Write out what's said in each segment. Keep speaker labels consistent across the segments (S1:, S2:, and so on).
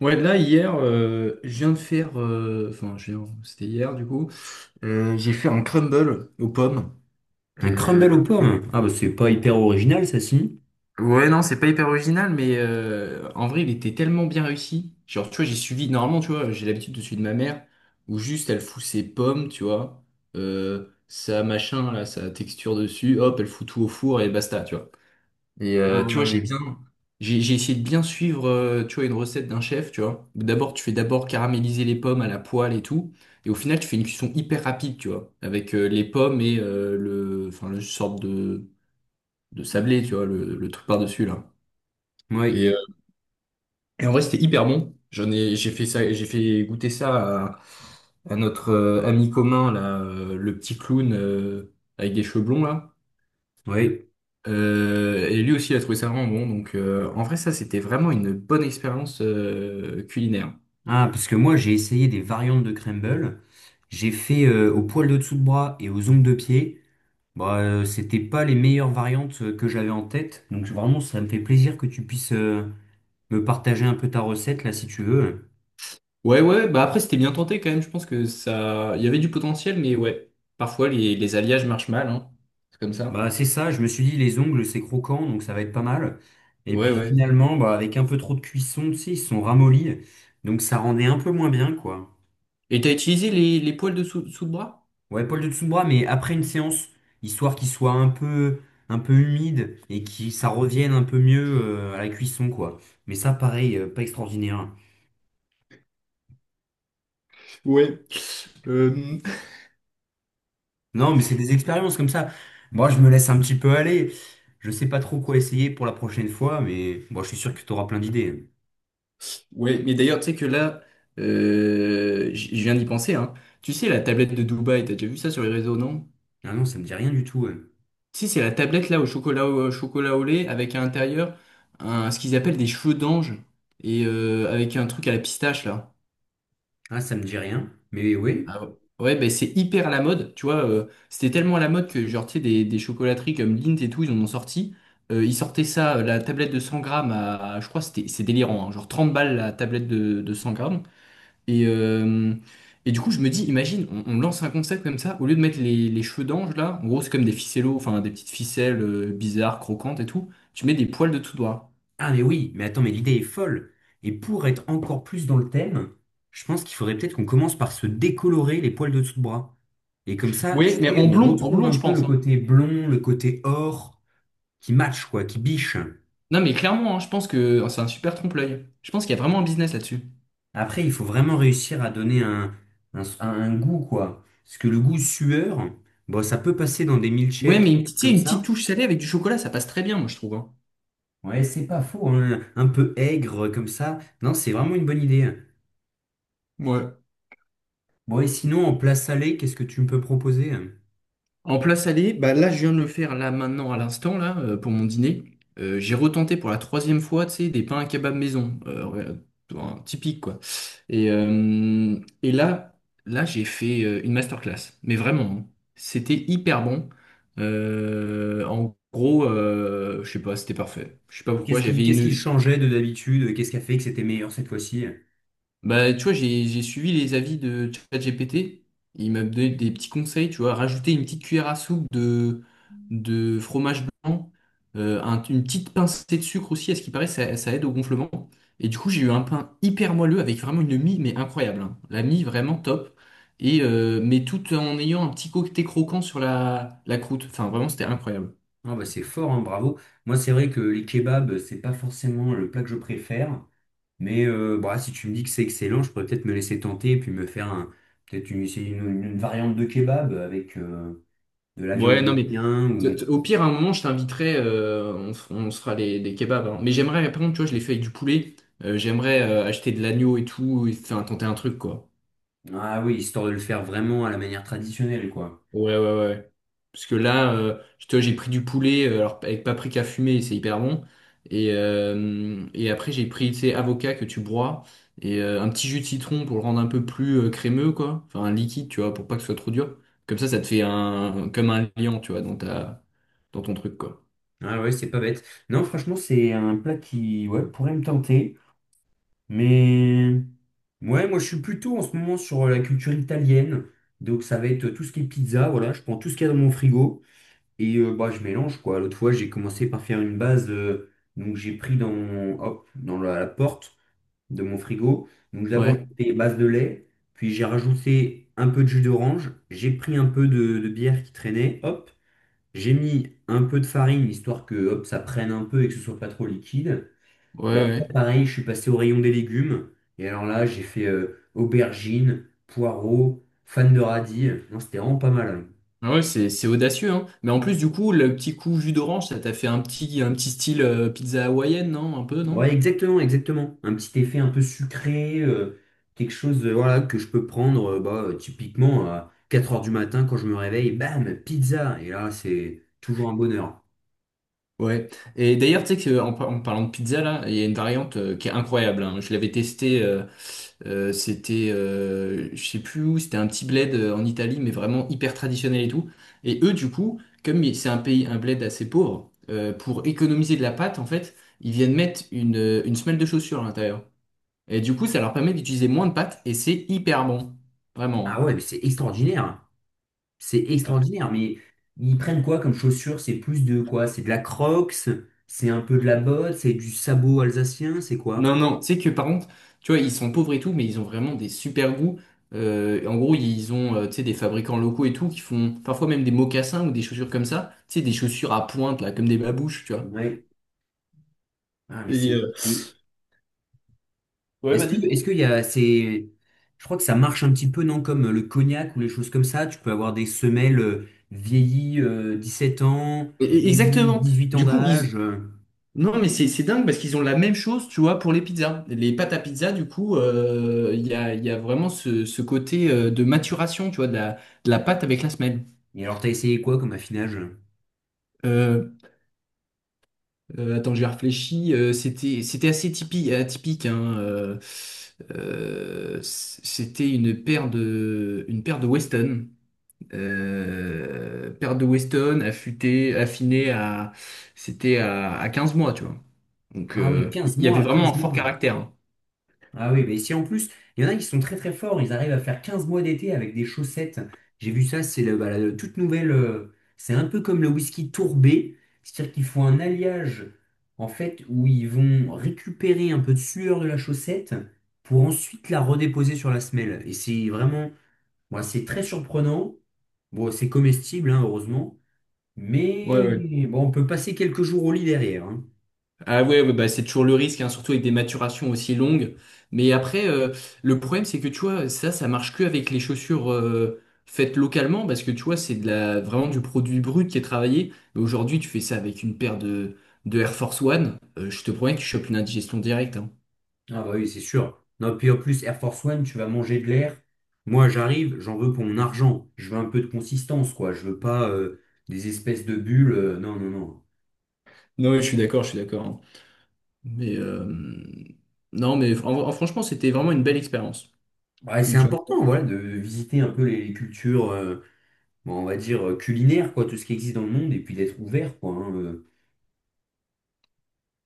S1: Ouais, là, hier, je viens de faire. C'était hier, du coup. J'ai fait un crumble aux pommes.
S2: Un
S1: Euh,
S2: crumble aux pommes? Ah bah c'est pas hyper original ça si.
S1: Ouais, non, c'est pas hyper original, mais en vrai, il était tellement bien réussi. Genre, tu vois, j'ai suivi. Normalement, tu vois, j'ai l'habitude de suivre ma mère, où juste elle fout ses pommes, tu vois, sa machin, là, sa texture dessus, hop, elle fout tout au four et basta, tu vois. Et
S2: Ah
S1: tu vois,
S2: oui.
S1: j'ai essayé de bien suivre, tu vois, une recette d'un chef, tu vois. D'abord, tu fais d'abord caraméliser les pommes à la poêle et tout, et au final, tu fais une cuisson hyper rapide, tu vois, avec les pommes et le, enfin, le sorte de sablé, tu vois, le truc par-dessus là. Et,
S2: Oui,
S1: euh, et en vrai, c'était hyper bon. J'en ai, j'ai fait ça, j'ai fait goûter ça à notre ami commun là, le petit clown avec des cheveux blonds là.
S2: oui.
S1: Et lui aussi, il a trouvé ça vraiment bon. Donc, en vrai, ça, c'était vraiment une bonne expérience culinaire.
S2: Ah parce que moi j'ai essayé des variantes de crumble. J'ai fait au poil de dessous de bras et aux ongles de pied. Bah c'était pas les meilleures variantes que j'avais en tête. Donc vraiment ça me fait plaisir que tu puisses me partager un peu ta recette là si tu veux.
S1: Ouais, ouais. Bah après, c'était bien tenté quand même. Je pense que ça, il y avait du potentiel, mais ouais. Parfois, les alliages marchent mal. Hein. C'est comme ça.
S2: Bah c'est ça, je me suis dit les ongles c'est croquant donc ça va être pas mal. Et
S1: Ouais,
S2: puis
S1: ouais.
S2: finalement bah avec un peu trop de cuisson tu sais ils se sont ramollis. Donc ça rendait un peu moins bien quoi.
S1: Et t'as utilisé les poils de sous le bras?
S2: Ouais, Paul de Tsoumbra, mais après une séance, histoire qu'il soit un peu humide et que ça revienne un peu mieux à la cuisson, quoi. Mais ça, pareil, pas extraordinaire, hein.
S1: Ouais. Euh,
S2: Non, mais c'est des expériences comme ça. Moi, je me laisse un petit peu aller. Je sais pas trop quoi essayer pour la prochaine fois, mais bon, je suis sûr que tu auras plein d'idées, hein.
S1: Ouais. Mais d'ailleurs, tu sais que là, je viens d'y penser. Hein. Tu sais, la tablette de Dubaï, t'as déjà vu ça sur les réseaux, non?
S2: Ah non, ça me dit rien du tout, ouais.
S1: Si, c'est la tablette là au chocolat au chocolat au lait avec à l'intérieur ce qu'ils appellent des cheveux d'ange et avec un truc à la pistache là.
S2: Ah, ça me dit rien. Mais oui.
S1: Ah ouais, ouais, ben c'est hyper à la mode, tu vois. C'était tellement à la mode que genre, tu sais, des chocolateries comme Lindt et tout, ils en ont sorti. Ils sortaient ça, la tablette de 100 grammes je crois, que c'était, c'est délirant, hein, genre 30 balles la tablette de 100 grammes. Et, euh, et du coup, je me dis, imagine, on lance un concept comme ça, au lieu de mettre les cheveux d'ange là, en gros, c'est comme des ficellos, enfin des petites ficelles bizarres, croquantes et tout, tu mets des poils de tout doigt.
S2: Ah mais oui, mais attends, mais l'idée est folle. Et pour être encore plus dans le thème, je pense qu'il faudrait peut-être qu'on commence par se décolorer les poils de dessous de bras. Et comme ça, tu
S1: Oui, mais
S2: sais, on
S1: en
S2: retrouve
S1: blond,
S2: un
S1: je
S2: peu le
S1: pense. Hein.
S2: côté blond, le côté or, qui match, quoi, qui biche.
S1: Non, mais clairement, hein, je pense que oh, c'est un super trompe-l'œil. Je pense qu'il y a vraiment un business là-dessus.
S2: Après, il faut vraiment réussir à donner un goût, quoi. Parce que le goût sueur, bon, ça peut passer dans des
S1: Ouais,
S2: milkshakes
S1: mais une petite, tu sais,
S2: comme
S1: une petite
S2: ça.
S1: touche salée avec du chocolat, ça passe très bien, moi, je trouve. Hein.
S2: Ouais, c'est pas faux, hein, un peu aigre comme ça. Non, c'est vraiment une bonne idée.
S1: Ouais.
S2: Bon, et sinon, en plat salé, qu'est-ce que tu me peux proposer?
S1: En place aller, bah là, je viens de le faire là maintenant à l'instant là pour mon dîner. J'ai retenté pour la troisième fois, tu sais, des pains à kebab maison, ouais, un typique quoi. Et là, là, j'ai fait une masterclass. Mais vraiment, hein. C'était hyper bon. En gros, je sais pas, c'était parfait. Je sais pas
S2: Et
S1: pourquoi. J'avais
S2: Qu'est-ce qui
S1: une,
S2: changeait de d'habitude? Qu'est-ce qui a fait que c'était meilleur cette fois-ci?
S1: bah, tu vois, j'ai suivi les avis de ChatGPT. Il m'a donné des petits conseils, tu vois, rajouter une petite cuillère à soupe de fromage blanc, une petite pincée de sucre aussi, à ce qui paraît, ça aide au gonflement. Et du coup, j'ai eu un pain hyper moelleux avec vraiment une mie, mais incroyable. Hein. La mie, vraiment top. Et, mais tout en ayant un petit côté croquant sur la croûte. Enfin, vraiment, c'était incroyable.
S2: Ah bah c'est fort, hein, bravo. Moi, c'est vrai que les kebabs, c'est pas forcément le plat que je préfère. Mais bah, si tu me dis que c'est excellent, je pourrais peut-être me laisser tenter et puis me faire un- peut-être une, essayer une variante de kebab avec de la viande
S1: Ouais, non,
S2: de
S1: mais
S2: chien ou...
S1: au pire, à un moment, je t'inviterai, on se fera des kebabs. Hein. Mais j'aimerais, par contre, tu vois, je l'ai fait avec du poulet. J'aimerais acheter de l'agneau et tout, et faire tenter un truc, quoi.
S2: Ah oui, histoire de le faire vraiment à la manière traditionnelle, quoi.
S1: Ouais, ouais, ouais. Parce que là, j'ai pris du poulet, alors avec paprika fumé, c'est hyper bon. Et après, j'ai pris, tu sais, avocat que tu broies, et un petit jus de citron pour le rendre un peu plus crémeux, quoi. Enfin, un liquide, tu vois, pour pas que ce soit trop dur. Comme ça te fait comme un liant, tu vois, dans dans ton truc, quoi.
S2: Ah ouais, c'est pas bête. Non, franchement, c'est un plat qui ouais, pourrait me tenter. Mais... Ouais, moi je suis plutôt en ce moment sur la culture italienne. Donc ça va être tout ce qui est pizza, voilà, je prends tout ce qu'il y a dans mon frigo et bah, je mélange quoi. L'autre fois j'ai commencé par faire une base, donc j'ai pris dans mon- hop, dans la porte de mon frigo. Donc d'abord
S1: Ouais.
S2: j'ai fait base de lait, puis j'ai rajouté un peu de jus d'orange, j'ai pris un peu de bière qui traînait, hop, j'ai mis un peu de farine histoire que hop, ça prenne un peu et que ce soit pas trop liquide. Et
S1: Ouais,
S2: après,
S1: ouais.
S2: pareil, je suis passé au rayon des légumes. Et alors là, j'ai fait aubergines, poireaux, fan de radis. Non, c'était vraiment pas mal, hein.
S1: Ah ouais, c'est audacieux, hein. Mais en plus, du coup, le petit coup jus d'orange, ça t'a fait un petit style pizza hawaïenne, non? Un peu, non?
S2: Ouais, exactement, exactement. Un petit effet un peu sucré, quelque chose voilà, que je peux prendre bah, typiquement à 4 heures du matin quand je me réveille. Bam, pizza. Et là, c'est toujours un bonheur.
S1: Ouais. Et d'ailleurs, tu sais que en parlant de pizza, là, il y a une variante qui est incroyable. Hein. Je l'avais testée, c'était, je sais plus où, c'était un petit bled en Italie, mais vraiment hyper traditionnel et tout. Et eux, du coup, c'est un bled assez pauvre, pour économiser de la pâte, en fait, ils viennent mettre une semelle de chaussure à l'intérieur. Et du coup, ça leur permet d'utiliser moins de pâtes et c'est hyper bon.
S2: Ah
S1: Vraiment.
S2: ouais, mais c'est extraordinaire, hein. C'est
S1: Hein. Voilà.
S2: extraordinaire. Mais ils prennent quoi comme chaussures? C'est plus de quoi? C'est de la Crocs? C'est un peu de la botte? C'est du sabot alsacien? C'est quoi?
S1: Non, non, tu sais que par contre, tu vois, ils sont pauvres et tout, mais ils ont vraiment des super goûts. En gros, ils ont, tu sais, des fabricants locaux et tout qui font parfois même des mocassins ou des chaussures comme ça. Tu sais, des chaussures à pointe, là, comme des babouches, tu vois.
S2: Ouais. Ah, mais
S1: Et,
S2: c'est. Et-
S1: ouais, vas-y.
S2: Est-ce qu'il y a, c'est, je crois que ça marche un petit peu, non, comme le cognac ou les choses comme ça. Tu peux avoir des semelles vieillies 17 ans,
S1: Exactement.
S2: vieillies 8 ans
S1: Du coup, ils.
S2: d'âge,
S1: Non, mais c'est dingue parce qu'ils ont la même chose, tu vois, pour les pizzas. Les pâtes à pizza, du coup, il y a vraiment ce côté de maturation, tu vois, de la pâte avec la semelle.
S2: Et alors, t'as essayé quoi comme affinage?
S1: Euh, Attends, j'ai réfléchi. C'était, assez atypique, hein, c'était une paire de Weston. Paire de Weston affinée à 15 mois, tu vois. Donc,
S2: Ah oui,
S1: il
S2: 15
S1: y avait
S2: mois,
S1: vraiment un
S2: 15
S1: fort
S2: mois.
S1: caractère. Hein.
S2: Ah oui, mais si en plus, il y en a qui sont très très forts, ils arrivent à faire 15 mois d'été avec des chaussettes. J'ai vu ça, c'est le- bah, la toute nouvelle, c'est un peu comme le whisky tourbé, c'est-à-dire qu'ils font un alliage en fait où ils vont récupérer un peu de sueur de la chaussette pour ensuite la redéposer sur la semelle. Et c'est vraiment, bon, c'est très surprenant. Bon, c'est comestible, hein, heureusement,
S1: Ouais, ouais.
S2: mais bon, on peut passer quelques jours au lit derrière, hein.
S1: Ah ouais, ouais, bah c'est toujours le risque, hein, surtout avec des maturations aussi longues. Mais après, le problème, c'est que tu vois, ça marche que avec les chaussures faites localement, parce que tu vois, c'est vraiment du produit brut qui est travaillé. Mais aujourd'hui, tu fais ça avec une paire de Air Force One, je te promets que tu chopes une indigestion directe. Hein.
S2: Ah bah oui, c'est sûr. Non, puis en plus, Air Force One, tu vas manger de l'air. Moi, j'arrive, j'en veux pour mon argent. Je veux un peu de consistance, quoi. Je veux pas des espèces de bulles, non, non, non.
S1: Non, ouais, je suis d'accord, je suis d'accord. Hein. Mais non, mais franchement, c'était vraiment une belle expérience.
S2: Ouais, c'est
S1: Culture.
S2: important, voilà, de visiter un peu les cultures, bon, on va dire, culinaires, quoi, tout ce qui existe dans le monde, et puis d'être ouvert, quoi, hein.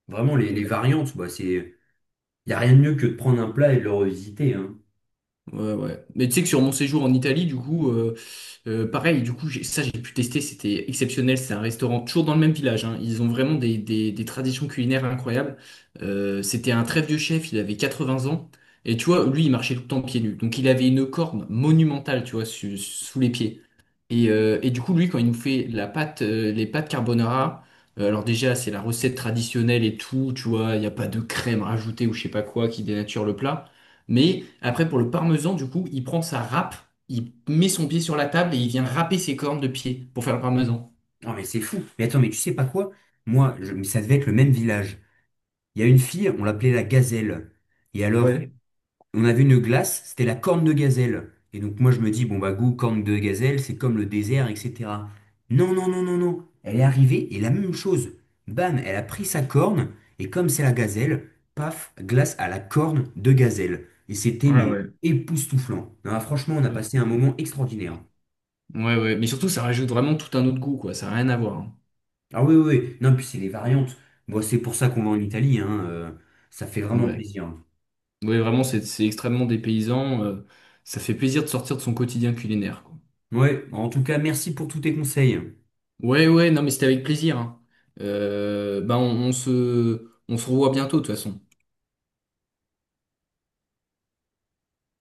S2: vraiment, les
S1: Ouais.
S2: variantes, bah, c'est... Il n'y a rien de mieux que de prendre un plat et de le revisiter, hein.
S1: Ouais, ouais. Mais tu sais que sur mon séjour en Italie, du coup, pareil, du coup, ça j'ai pu tester, c'était exceptionnel. C'est un restaurant toujours dans le même village, hein. Ils ont vraiment des traditions culinaires incroyables. C'était un très vieux chef, il avait 80 ans. Et tu vois, lui, il marchait tout le temps pieds nus. Donc il avait une corne monumentale, tu vois, sous les pieds. Et du coup, lui, quand il nous fait la pâte, les pâtes carbonara, alors déjà, c'est la recette traditionnelle et tout, tu vois, il n'y a pas de crème rajoutée ou je sais pas quoi qui dénature le plat. Mais après, pour le parmesan, du coup, il prend sa râpe, il met son pied sur la table et il vient râper ses cornes de pied pour faire le parmesan.
S2: Non, mais c'est fou. Mais attends, mais tu sais pas quoi? Moi, je- mais ça devait être le même village. Il y a une fille, on l'appelait la gazelle. Et alors,
S1: Ouais,
S2: on a vu une glace, c'était la corne de gazelle. Et donc moi je me dis, bon bah goût corne de gazelle, c'est comme le désert, etc. Non, non, non, non, non. Elle est arrivée et la même chose. Bam, elle a pris sa corne et comme c'est la gazelle, paf, glace à la corne de gazelle. Et c'était
S1: ouais,
S2: mais
S1: ouais.
S2: époustouflant. Non, ah, franchement, on a passé un moment extraordinaire.
S1: Ouais, ouais, mais surtout, ça rajoute vraiment tout un autre goût, quoi, ça n'a rien à voir. Hein.
S2: Ah oui, oui, oui. Non, puis c'est les variantes. Bon, c'est pour ça qu'on va en Italie, hein, ça fait vraiment
S1: Ouais,
S2: plaisir.
S1: ouais, vraiment, c'est extrêmement dépaysant, ça fait plaisir de sortir de son quotidien culinaire, quoi.
S2: Ouais, en tout cas, merci pour tous tes conseils.
S1: Ouais, ouais, non, mais c'était avec plaisir. Hein. Bah, on se revoit bientôt, de toute façon.